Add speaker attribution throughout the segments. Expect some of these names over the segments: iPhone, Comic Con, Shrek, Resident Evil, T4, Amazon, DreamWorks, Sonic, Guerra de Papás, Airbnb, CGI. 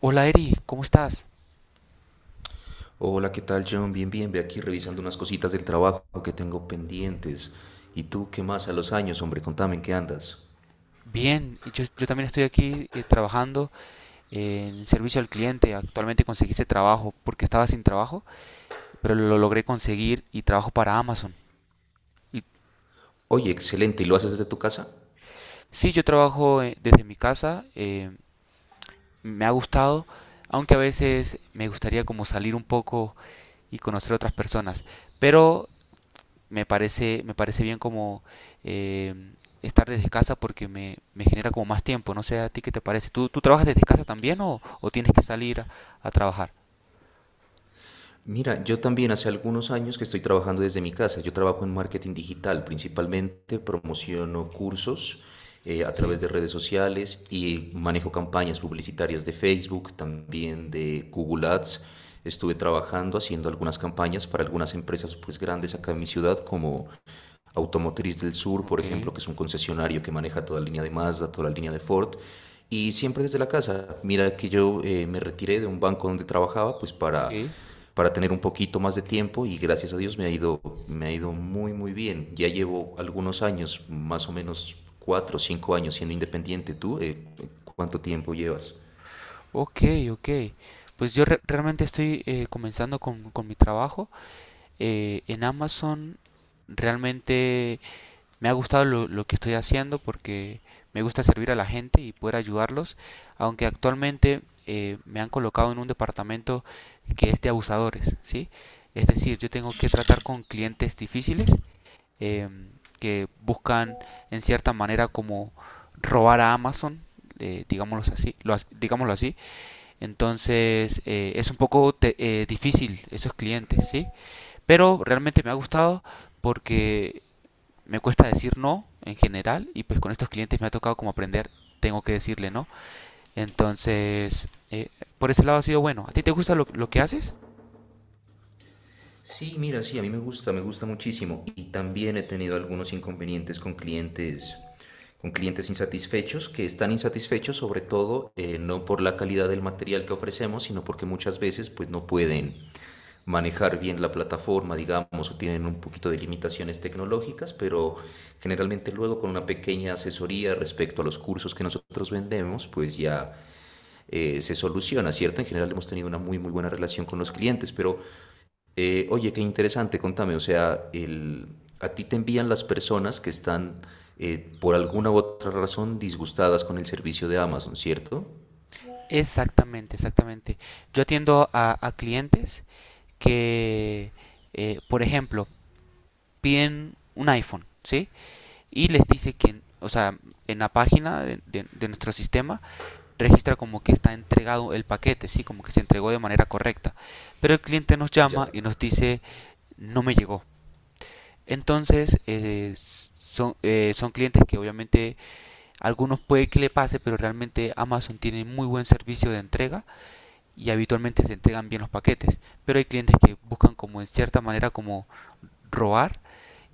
Speaker 1: Hola Eri, ¿cómo estás?
Speaker 2: Hola, ¿qué tal, John? Bien, bien, ve aquí revisando unas cositas del trabajo que tengo pendientes. ¿Y tú qué más a los años, hombre? Contame, ¿en qué andas?
Speaker 1: Bien, yo también estoy aquí trabajando en servicio al cliente. Actualmente conseguí ese trabajo porque estaba sin trabajo, pero lo logré conseguir y trabajo para Amazon. Y,
Speaker 2: Oye, excelente, ¿y lo haces desde tu casa?
Speaker 1: sí, yo trabajo desde mi casa, me ha gustado, aunque a veces me gustaría como salir un poco y conocer otras personas, pero me parece bien como eh, estar desde casa porque me genera como más tiempo. No sé a ti qué te parece. Tú trabajas desde casa también o tienes que salir a trabajar?
Speaker 2: Mira, yo también hace algunos años que estoy trabajando desde mi casa. Yo trabajo en marketing digital, principalmente promociono cursos a
Speaker 1: Sí,
Speaker 2: través de redes sociales y manejo campañas publicitarias de Facebook, también de Google Ads. Estuve trabajando haciendo algunas campañas para algunas empresas pues grandes acá en mi ciudad como Automotriz del Sur, por
Speaker 1: ok,
Speaker 2: ejemplo, que es un concesionario que maneja toda la línea de Mazda, toda la línea de Ford, y siempre desde la casa. Mira que yo me retiré de un banco donde trabajaba, pues
Speaker 1: sí.
Speaker 2: para tener un poquito más de tiempo y gracias a Dios me ha ido muy, muy bien. Ya llevo algunos años, más o menos cuatro o cinco años siendo independiente. ¿Tú cuánto tiempo llevas?
Speaker 1: Ok, ok. Pues yo realmente estoy comenzando con mi trabajo. En Amazon realmente me ha gustado lo que estoy haciendo porque me gusta servir a la gente y poder ayudarlos, aunque actualmente me han colocado en un departamento que es de abusadores, ¿sí? Es decir, yo tengo que tratar con clientes difíciles, eh, que buscan en cierta manera como robar a Amazon, digámoslo así. Entonces, es un poco difícil esos clientes, ¿sí? Pero realmente me ha gustado porque me cuesta decir no en general y pues con estos clientes me ha tocado como aprender, tengo que decirle no. Entonces, por ese lado ha sido bueno. ¿A ti te gusta lo que haces?
Speaker 2: Sí, mira, sí, a mí me gusta muchísimo. Y también he tenido algunos inconvenientes con clientes insatisfechos, que están insatisfechos sobre todo no por la calidad del material que ofrecemos, sino porque muchas veces pues no pueden manejar bien la plataforma, digamos, o tienen un poquito de limitaciones tecnológicas, pero generalmente luego con una pequeña asesoría respecto a los cursos que nosotros vendemos, pues ya se soluciona, ¿cierto? En general hemos tenido una muy, muy buena relación con los clientes, pero... oye, qué interesante, contame, o sea, el, a ti te envían las personas que están por alguna u otra razón disgustadas con el servicio de Amazon, ¿cierto?
Speaker 1: Exactamente, exactamente. Yo atiendo a clientes que, por ejemplo, piden un iPhone, ¿sí? Y les dice que, o sea, en la página de nuestro sistema registra como que está entregado el paquete, ¿sí? Como que se entregó de manera correcta. Pero el cliente nos
Speaker 2: Ya,
Speaker 1: llama y nos dice, no me llegó. Entonces, son clientes que obviamente algunos puede que le pase, pero realmente Amazon tiene muy buen servicio de entrega y habitualmente se entregan bien los paquetes. Pero hay clientes que buscan como en cierta manera como robar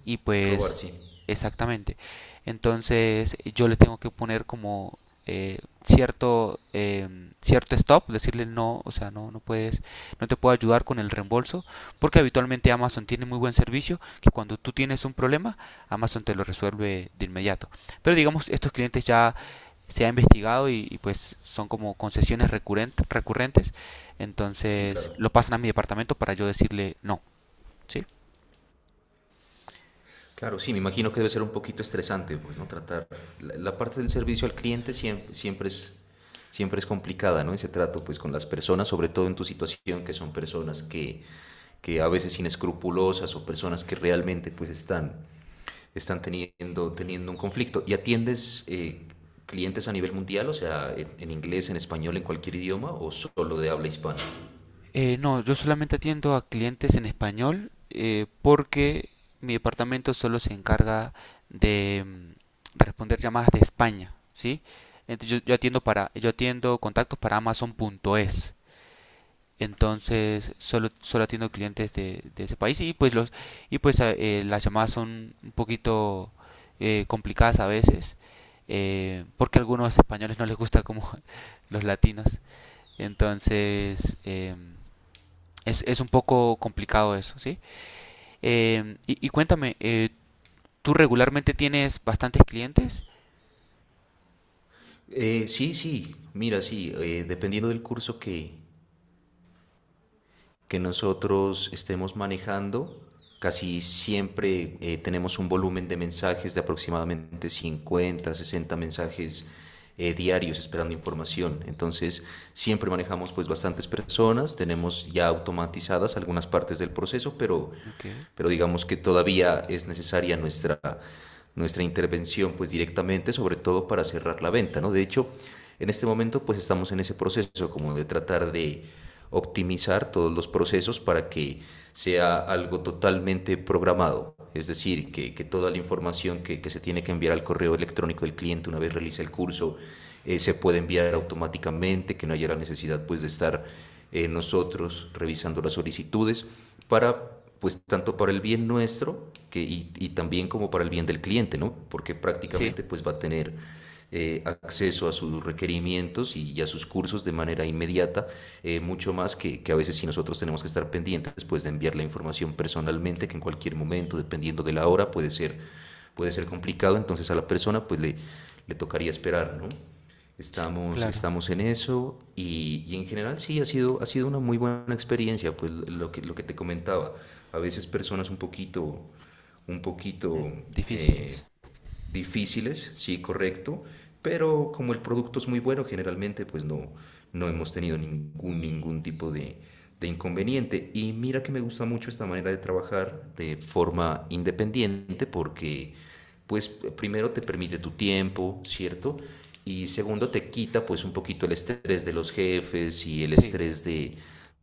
Speaker 1: y
Speaker 2: robar,
Speaker 1: pues,
Speaker 2: sí,
Speaker 1: exactamente. Entonces, yo le tengo que poner como eh, cierto, cierto stop, decirle no, o sea, no puedes, no te puedo ayudar con el reembolso, porque habitualmente Amazon tiene muy buen servicio, que cuando tú tienes un problema, Amazon te lo resuelve de inmediato. Pero digamos, estos clientes ya se ha investigado y pues son como concesiones recurrentes,
Speaker 2: sí,
Speaker 1: entonces
Speaker 2: claro.
Speaker 1: lo pasan a mi departamento para yo decirle no, ¿sí?
Speaker 2: Claro, sí, me imagino que debe ser un poquito estresante, pues, ¿no? Tratar la, la parte del servicio al cliente siempre, siempre es complicada, ¿no? Ese trato, pues, con las personas, sobre todo en tu situación, que son personas que a veces inescrupulosas o personas que realmente, pues, están están teniendo, teniendo un conflicto. ¿Y atiendes clientes a nivel mundial, o sea, en, inglés, en español, en cualquier idioma, o solo de habla hispana?
Speaker 1: No, yo solamente atiendo a clientes en español porque mi departamento solo se encarga de responder llamadas de España, ¿sí? Entonces yo atiendo para, yo atiendo contactos para Amazon punto es. Entonces solo, solo atiendo clientes de ese país y pues los y pues las llamadas son un poquito complicadas a veces, porque a algunos españoles no les gusta como los latinos. Entonces, em, es un poco complicado eso, ¿sí? Y cuéntame, ¿tú regularmente tienes bastantes clientes?
Speaker 2: Sí, sí, mira, sí, dependiendo del curso que, nosotros estemos manejando, casi siempre tenemos un volumen de mensajes de aproximadamente 50 60 mensajes. Diarios esperando información. Entonces, siempre manejamos pues bastantes personas, tenemos ya automatizadas algunas partes del proceso,
Speaker 1: Ok,
Speaker 2: pero digamos que todavía es necesaria nuestra, nuestra intervención pues directamente, sobre todo para cerrar la venta, ¿no? De hecho, en este momento pues estamos en ese proceso como de tratar de optimizar todos los procesos para que sea algo totalmente programado, es decir, que toda la información que, se tiene que enviar al correo electrónico del cliente una vez realiza el curso se puede enviar automáticamente, que no haya la necesidad pues de estar nosotros revisando las solicitudes para pues tanto para el bien nuestro que, y, también como para el bien del cliente, ¿no? Porque
Speaker 1: sí,
Speaker 2: prácticamente pues va a tener acceso a sus requerimientos y, a sus cursos de manera inmediata, mucho más que, a veces si nosotros tenemos que estar pendientes pues de enviar la información personalmente, que en cualquier momento, dependiendo de la hora, puede ser complicado, entonces a la persona pues le tocaría esperar, ¿no? Estamos,
Speaker 1: claro.
Speaker 2: estamos en eso y en general sí, ha sido una muy buena experiencia, pues lo que te comentaba. A veces personas un
Speaker 1: Ujú.
Speaker 2: poquito eh,
Speaker 1: Difíciles.
Speaker 2: difíciles, sí, correcto, pero como el producto es muy bueno, generalmente pues no, no hemos tenido ningún, ningún tipo de inconveniente. Y mira que me gusta mucho esta manera de trabajar de forma independiente porque pues primero te permite tu tiempo, ¿cierto? Y segundo te quita pues un poquito el estrés de los jefes y el
Speaker 1: Sí.
Speaker 2: estrés de,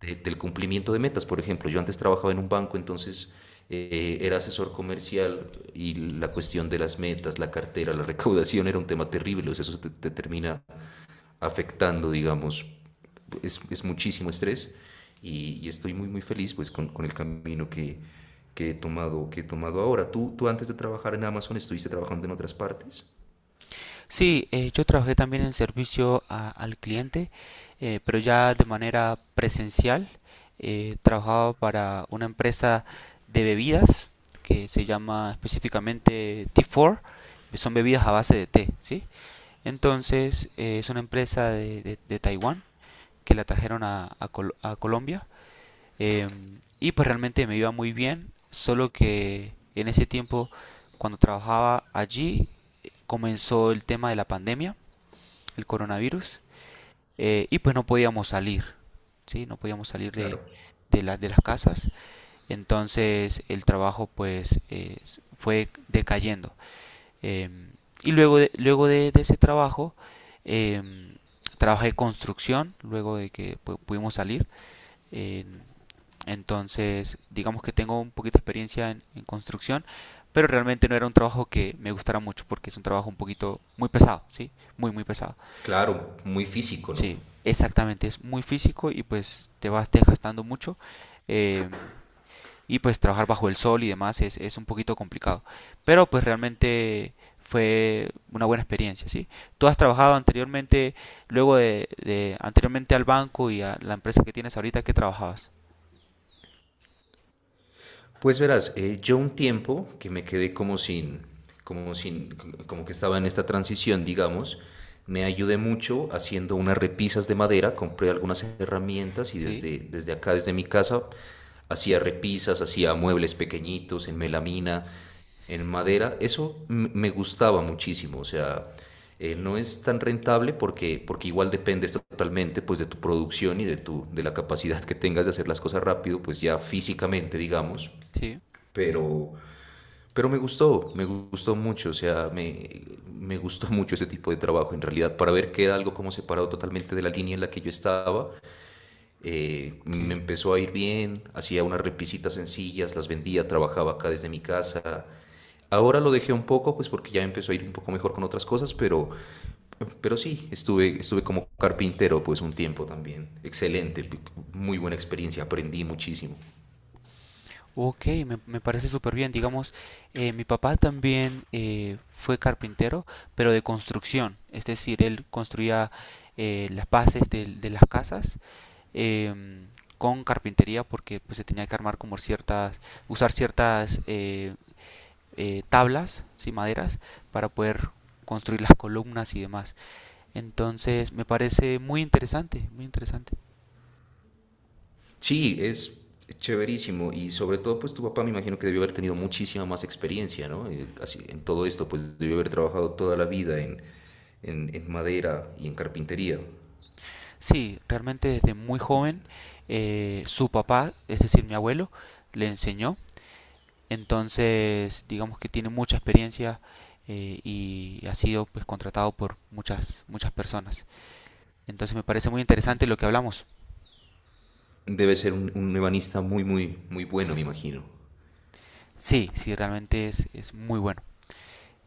Speaker 2: del cumplimiento de metas. Por ejemplo, yo antes trabajaba en un banco, entonces era asesor comercial y la cuestión de las metas, la cartera, la recaudación era un tema terrible, o sea, eso te, te termina afectando, digamos, es muchísimo estrés y, estoy muy, muy feliz pues con el camino que he tomado ahora. ¿Tú, ¿tú antes de trabajar en Amazon estuviste trabajando en otras partes?
Speaker 1: Sí, yo trabajé también en servicio al cliente, pero ya de manera presencial. Trabajaba para una empresa de bebidas que se llama específicamente T4. Son bebidas a base de té, ¿sí? Entonces, es una empresa de Taiwán que la trajeron a a Colombia. Em, y pues realmente me iba muy bien, solo que en ese tiempo, cuando trabajaba allí, comenzó el tema de la pandemia, el coronavirus, y pues no podíamos salir, ¿sí? No podíamos salir
Speaker 2: Claro,
Speaker 1: de, de las casas. Entonces el trabajo pues fue decayendo. Em, y luego de ese trabajo, em, trabajé construcción, luego de que pudimos salir. En- Entonces, digamos que tengo un poquito de experiencia en construcción, pero realmente no era un trabajo que me gustara mucho porque es un trabajo un poquito muy pesado, ¿sí? Muy, muy pesado.
Speaker 2: claro, muy físico, ¿no?
Speaker 1: Sí, exactamente, es muy físico y pues te vas desgastando mucho, eh, y pues trabajar bajo el sol y demás es un poquito complicado, pero pues realmente fue una buena experiencia, ¿sí? ¿Tú has trabajado anteriormente, luego de anteriormente al banco y a la empresa que tienes ahorita, que trabajabas?
Speaker 2: Pues verás, yo un tiempo que me quedé como sin, como sin, como que estaba en esta transición, digamos, me ayudé mucho haciendo unas repisas de madera, compré algunas herramientas y
Speaker 1: Sí,
Speaker 2: desde, desde acá, desde mi casa, hacía repisas, hacía muebles pequeñitos en melamina, en madera. Eso me gustaba muchísimo, o sea, no es tan rentable porque, porque igual dependes totalmente pues de tu producción y de tu, de la capacidad que tengas de hacer las cosas rápido, pues ya físicamente, digamos.
Speaker 1: sí,
Speaker 2: Pero, pero me gustó mucho, o sea, me gustó mucho ese tipo de trabajo en realidad, para ver que era algo como separado totalmente de la línea en la que yo estaba.
Speaker 1: ok.
Speaker 2: Me empezó a ir bien, hacía unas repisitas sencillas, las vendía, trabajaba acá desde mi casa. Ahora lo dejé un poco, pues porque ya empezó a ir un poco mejor con otras cosas, pero sí, estuve, estuve como carpintero pues un tiempo también. Excelente, muy buena experiencia, aprendí muchísimo.
Speaker 1: Ok, me parece súper bien. Digamos, mi papá también fue carpintero, pero de construcción. Es decir, él construía las bases las casas, em, con carpintería porque pues, se tenía que armar como ciertas, usar ciertas tablas, sí, maderas, para poder construir las columnas y demás. Entonces, me parece muy interesante, muy interesante.
Speaker 2: Sí, es chéverísimo. Y sobre todo, pues tu papá me imagino que debió haber tenido muchísima más experiencia, ¿no? Así, en todo esto, pues debió haber trabajado toda la vida en madera y en carpintería.
Speaker 1: Sí, realmente desde muy joven, su papá, es decir, mi abuelo, le enseñó. Entonces, digamos que tiene mucha experiencia y ha sido pues contratado por muchas personas. Entonces me parece muy interesante lo que hablamos.
Speaker 2: Debe ser un ebanista muy, muy, muy bueno, me imagino.
Speaker 1: Sí, sí, realmente es muy bueno.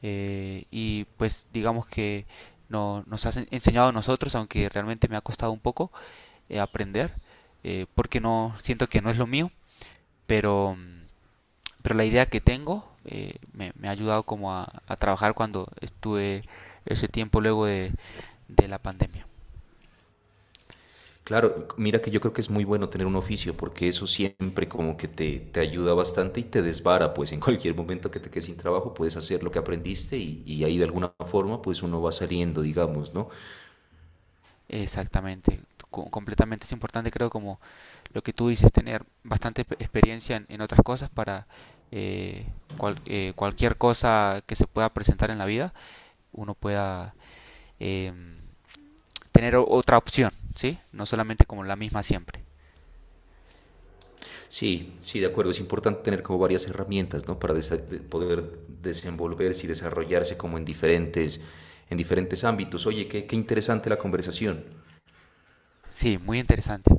Speaker 1: Y pues digamos que no, nos has enseñado a nosotros, aunque realmente me ha costado un poco aprender, porque no siento que no es lo mío, pero mm, pero la idea que tengo ha ayudado como a trabajar cuando estuve ese tiempo luego de la pandemia.
Speaker 2: Claro, mira que yo creo que es muy bueno tener un oficio porque eso siempre como que te ayuda bastante y te desvara, pues en cualquier momento que te quedes sin trabajo puedes hacer lo que aprendiste y ahí de alguna forma pues uno va saliendo, digamos, ¿no?
Speaker 1: Exactamente. Co completamente es importante creo como lo que tú dices, tener bastante experiencia en otras cosas para eh, cual, cualquier cosa que se pueda presentar en la vida, uno pueda em, tener otra opción, ¿sí? No solamente como la misma siempre.
Speaker 2: Sí, sí, de acuerdo. Es importante tener como varias herramientas, ¿no? Para poder desenvolverse y desarrollarse como en diferentes ámbitos. Oye, qué, qué interesante la conversación.
Speaker 1: Sí, muy interesante.